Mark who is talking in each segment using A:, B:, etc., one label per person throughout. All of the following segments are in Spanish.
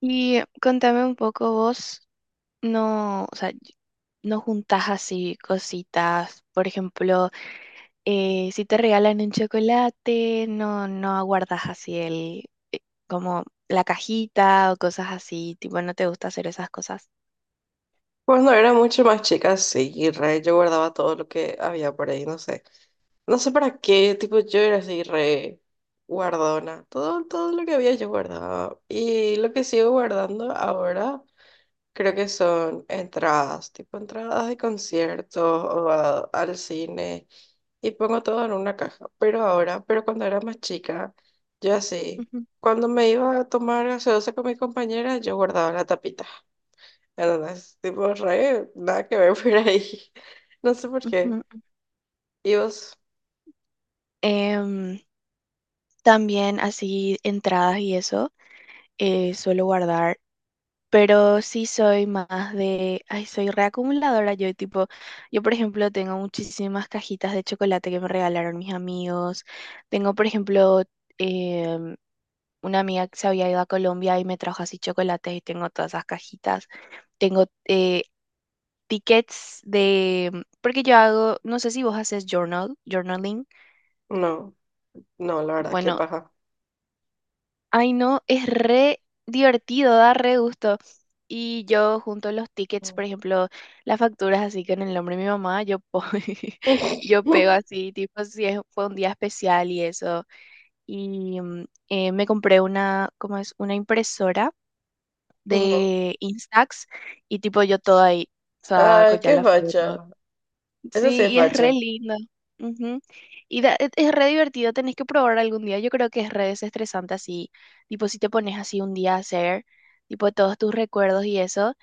A: Y contame un poco vos, no, o sea, no juntás así cositas, por ejemplo, si te regalan un chocolate, no, no aguardas así el, eh, como la cajita o cosas así, tipo, no te gusta hacer esas cosas.
B: Cuando era mucho más chica, sí, re, yo guardaba todo lo que había por ahí, no sé. No sé para qué, tipo, yo era así, re guardona. Todo, todo lo que había yo guardaba. Y lo que sigo guardando ahora, creo que son entradas, tipo entradas de conciertos o al cine. Y pongo todo en una caja. Pero cuando era más chica, yo así,
A: Ujú,
B: cuando me iba a tomar gaseosa con mi compañera, yo guardaba la tapita. La verdad es tipo re, nada que ver por ahí. No sé por qué.
A: ujú.
B: ¿Y vos?
A: Em, También así entradas y eso, suelo guardar. Pero sí soy más de, ay, soy reacumuladora. Yo tipo, yo por ejemplo tengo muchísimas cajitas de chocolate que me regalaron mis amigos. Tengo por ejemplo em, una amiga que se había ido a Colombia y me trajo así chocolates y tengo todas esas cajitas. Tengo tickets de, porque yo hago, no sé si vos haces journaling.
B: No, no, la verdad, qué
A: Bueno,
B: paja.
A: ay, no, es re divertido, da re gusto. Y yo junto los tickets,
B: Mm.
A: por ejemplo, las facturas así con el nombre de mi mamá, yo pego así, tipo, si fue un día especial y eso. Y me compré una, ¿cómo es? Una impresora
B: Ujú.
A: de Instax y tipo yo todo ahí saco
B: Ay,
A: ya
B: qué
A: la foto.
B: facha. Eso sí
A: Sí,
B: es
A: y es re
B: facha.
A: lindo. Ujú. Y es re divertido, tenés que probar algún día. Yo creo que es re desestresante así, tipo si te pones así un día a hacer, tipo todos tus recuerdos y eso.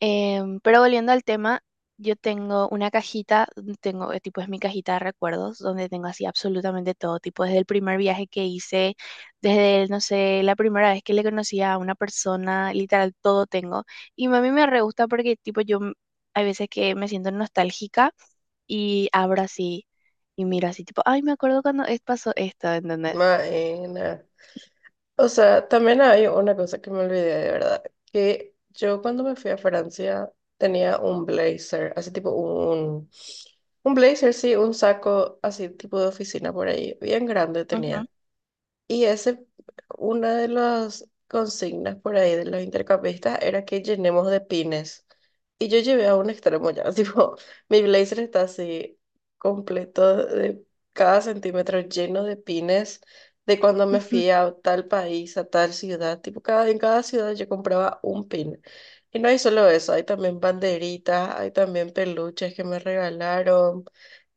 A: Pero volviendo al tema, yo tengo una cajita, tengo, tipo es mi cajita de recuerdos, donde tengo así absolutamente todo, tipo desde el primer viaje que hice, desde, no sé, la primera vez que le conocí a una persona, literal, todo tengo. Y a mí me re gusta porque tipo hay veces que me siento nostálgica y abro así y miro así, tipo, ay, me acuerdo cuando pasó esto, ¿entendés?
B: Maena. O sea, también hay una cosa que me olvidé de verdad, que yo cuando me fui a Francia tenía un blazer, así tipo un blazer, sí, un saco así tipo de oficina por ahí, bien grande tenía. Y ese, una de las consignas por ahí de los intercampistas era que llenemos de pines. Y yo llevé a un extremo ya, tipo, mi blazer está así completo de cada centímetro lleno de pines de cuando me
A: Ujú.
B: fui a tal país, a tal ciudad, tipo, en cada ciudad yo compraba un pin. Y no hay solo eso, hay también banderitas, hay también peluches que me regalaron.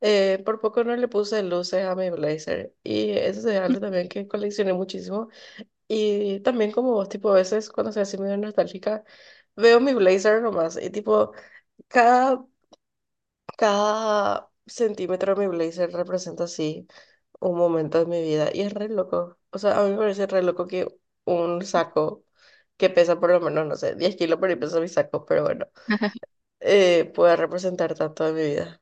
B: Por poco no le puse luces a mi blazer y eso es algo también que coleccioné muchísimo. Y también como vos, tipo, a veces cuando soy así medio nostálgica, veo mi blazer nomás y tipo, cada, cada centímetro de mi blazer representa así un momento de mi vida y es re loco. O sea, a mí me parece re loco que un saco que pesa por lo menos, no sé, 10 kilos por ahí pesa mi saco, pero bueno, pueda representar tanto de mi vida.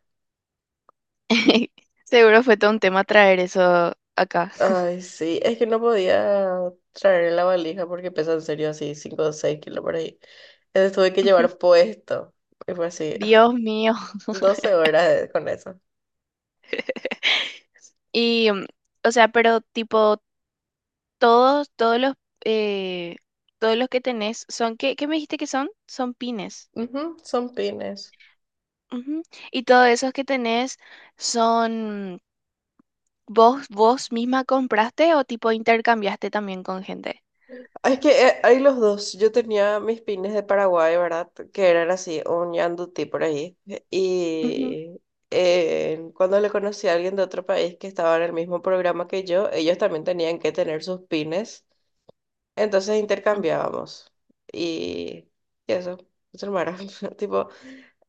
A: Seguro fue todo un tema traer eso acá.
B: Ay, sí, es que no podía traer la valija porque pesa en serio así 5 o 6 kilos por ahí. Entonces tuve que llevar puesto. Y fue así, ah,
A: Dios mío.
B: 12 horas con eso.
A: Y, mm, o sea, pero tipo, todos, todos los, eh, todos los que tenés son, ¿qué, qué me dijiste que son? Son pines.
B: Ujú, son pines.
A: Ujú. Y todos esos que tenés son, vos misma compraste o tipo intercambiaste también con gente?
B: Ah, es que hay los dos. Yo tenía mis pines de Paraguay, ¿verdad? Que eran así, un yandutí por ahí.
A: Ujú,
B: Y cuando le conocí a alguien de otro país que estaba en el mismo programa que yo, ellos también tenían que tener sus pines. Entonces intercambiábamos y, y eso, eso no era, tipo,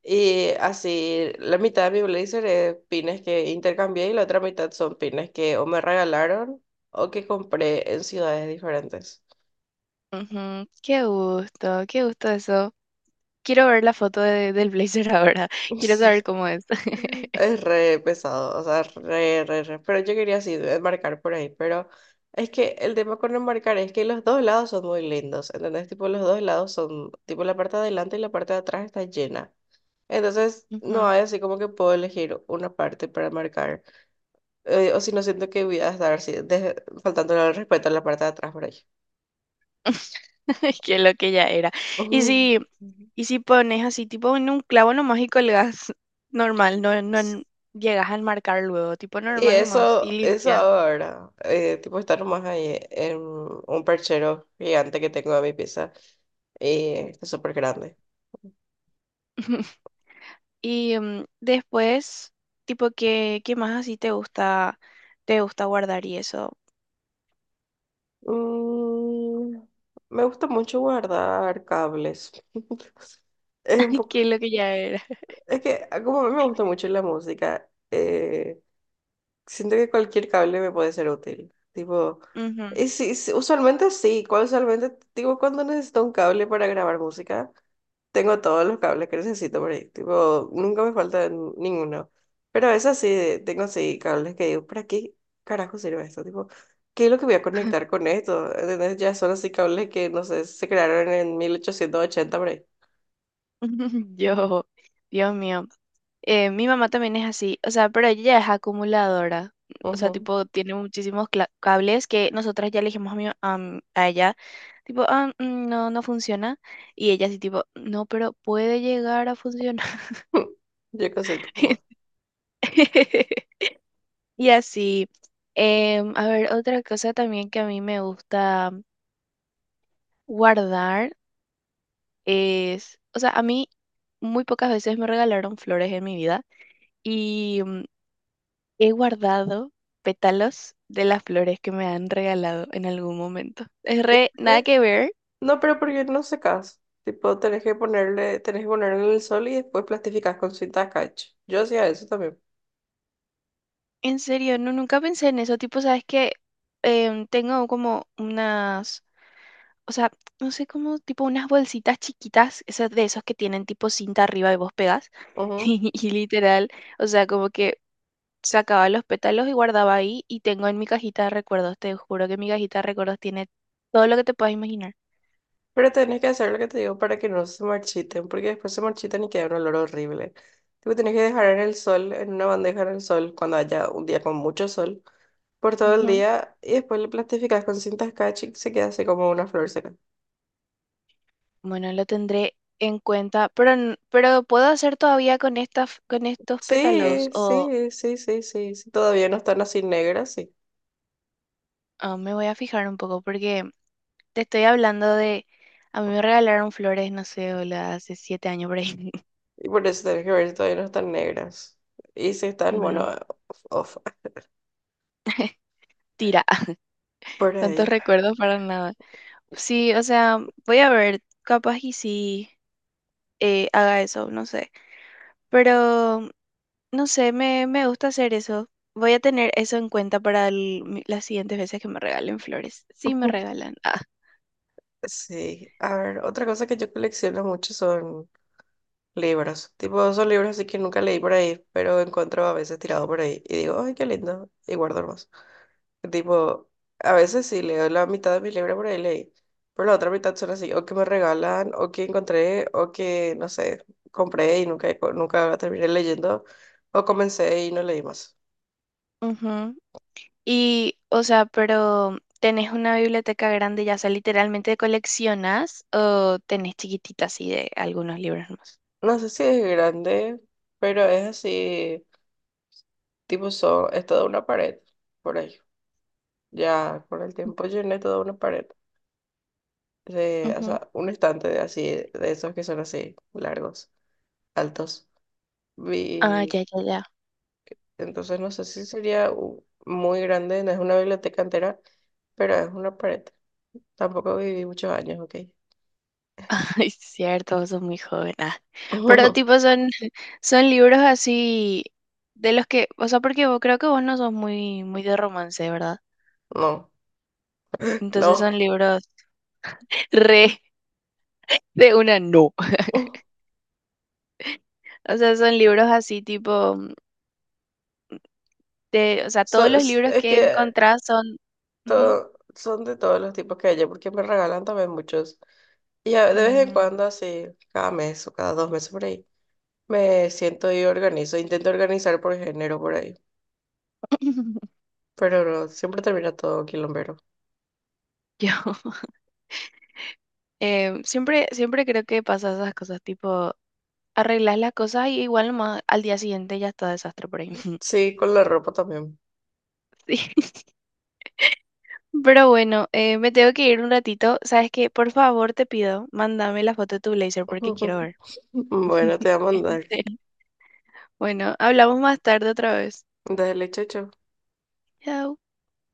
B: y así la mitad de mi blazer es pines que intercambié y la otra mitad son pines que o me regalaron o que compré en ciudades diferentes.
A: ujú, ujú. Qué gusto eso. Quiero ver la foto del blazer ahora. Quiero
B: Sí,
A: saber cómo es.
B: es re pesado, o sea, re, re, re, pero yo quería así enmarcar por ahí, pero es que el tema con enmarcar es que los dos lados son muy lindos, ¿entendés? Tipo, los dos lados son, tipo, la parte de adelante y la parte de atrás está llena. Entonces, no
A: Ujú.
B: hay así como que puedo elegir una parte para marcar. O si no, siento que voy a estar así, faltándole al respeto a la parte de atrás por ahí.
A: Que lo que ya era. Y
B: Ujú.
A: si, y si pones así, tipo en un clavo nomás y colgas normal, no, no en- llegas a marcar luego, tipo
B: Y
A: normal nomás y
B: eso
A: limpia.
B: ahora, tipo estar más ahí en un perchero gigante que tengo en mi pieza, y es súper grande.
A: Y después, tipo, ¿qué, qué más así te gusta guardar y eso?
B: Mm, Me gusta mucho guardar cables. Es un poco,
A: Que lo que ya era.
B: es que como a mí me gusta mucho la música, siento que cualquier cable me puede ser útil. Tipo,
A: Ujú.
B: sí, sí, usualmente sí. Usualmente, tipo, cuando necesito un cable para grabar música, tengo todos los cables que necesito por ahí. Tipo, nunca me falta ninguno. Pero a veces sí tengo sí cables que digo, ¿para qué carajo sirve esto? Tipo, ¿qué es lo que voy a conectar con esto? ¿Entendés? Ya son así cables que, no sé, se crearon en 1880 por ahí.
A: Yo, Dios mío. Mi mamá también es así, o sea, pero ella es acumuladora, o sea,
B: Ujú.
A: tipo, tiene muchísimos cables que nosotras ya le dijimos a, a ella, tipo, "Ah, mm, no, no funciona, y ella así, tipo, no, pero puede llegar a funcionar.
B: Yo qué sé, tu mamá.
A: Y así, em, a ver, otra cosa también que a mí me gusta guardar es, o sea, a mí muy pocas veces me regalaron flores en mi vida. Y mm, he guardado pétalos de las flores que me han regalado en algún momento. Es re, nada que ver.
B: No, pero porque no secas. Tipo, tenés que ponerle en el sol y después plastificás con cinta catch. Yo hacía eso también.
A: En serio, no, nunca pensé en eso. Tipo, sabes que tengo como unas, o sea, no sé, cómo tipo unas bolsitas chiquitas, esas de esos que tienen tipo cinta arriba y vos pegas.
B: Ujú.
A: Y literal, o sea, como que sacaba los pétalos y guardaba ahí y tengo en mi cajita de recuerdos. Te juro que mi cajita de recuerdos tiene todo lo que te puedas imaginar.
B: Pero tenés que hacer lo que te digo para que no se marchiten, porque después se marchitan y queda un olor horrible. Tipo, tenés que dejar en el sol, en una bandeja en el sol, cuando haya un día con mucho sol, por todo el
A: Ujú.
B: día, y después le plastificás con cinta catch y se queda así como una flor seca.
A: Bueno, lo tendré en cuenta, pero, pero ¿puedo hacer todavía con estas, con estos pétalos?
B: Sí,
A: O
B: sí, sí, sí, sí, sí. Todavía no están así negras, sí.
A: ah, me voy a fijar un poco, porque te estoy hablando de, a mí me regalaron flores, no sé, hola, hace 7 años por ahí.
B: Y por eso tenés que ver si todavía no están negras. Y si están, bueno,
A: Bueno,
B: off, off,
A: tira,
B: por
A: tantos
B: ahí.
A: recuerdos para nada. Sí, o sea, voy a ver, capaz y sí haga eso, no sé. Pero, no sé, me gusta hacer eso. Voy a tener eso en cuenta para las siguientes veces que me regalen flores. Sí, me
B: Ujú.
A: regalan.
B: Sí, a ver, otra cosa que yo colecciono mucho son libros. Tipo, son libros así que nunca leí por ahí, pero encuentro a veces tirado por ahí. Y digo, ay, qué lindo. Y guardo más. Tipo, a veces sí leo la mitad de mis libros por ahí leí. Pero la otra mitad son así, o que me regalan, o que encontré, o que, no sé, compré y nunca, nunca terminé leyendo, o comencé y no leí más.
A: Ujú. Y, o sea, pero ¿tenés una biblioteca grande, ya sea literalmente coleccionas o tenés chiquititas así de algunos libros más?
B: No sé si es grande, pero es así, tipo, son, es toda una pared, por ahí. Ya con el tiempo llené toda una pared. O
A: Ujú.
B: sea, un estante de así, de esos que son así, largos, altos.
A: Ah,
B: Vi,
A: ya, ya, ya.
B: entonces no sé si sería muy grande, no es una biblioteca entera, pero es una pared. Tampoco viví muchos años, ¿ok?
A: Es cierto, vos sos muy joven. Ah. Pero tipo son, son libros así de los que, o sea, porque creo que vos no sos muy, muy de romance, ¿verdad?
B: No,
A: Entonces son
B: no.
A: libros re de una no. O sea, son libros así tipo de, o sea, todos
B: So-
A: los
B: es
A: libros que
B: que
A: encontrás son,
B: todo, son de todos los tipos que hay, porque me regalan también muchos. Y de vez en
A: mm,
B: cuando, así, cada mes o cada dos meses por ahí, me siento y organizo. Intento organizar por género por ahí. Pero no, siempre termina todo quilombero.
A: yo em, siempre, siempre creo que pasa esas cosas, tipo, arreglas las cosas y igual nomás al día siguiente ya está desastre por ahí.
B: Sí, con la ropa también.
A: Sí. Pero bueno, me tengo que ir un ratito. ¿Sabes qué? Por favor, te pido, mándame la foto de tu blazer porque quiero ver.
B: Bueno, te voy a mandar.
A: Sí. Bueno, hablamos más tarde otra vez.
B: Dale, chocho.
A: Chao.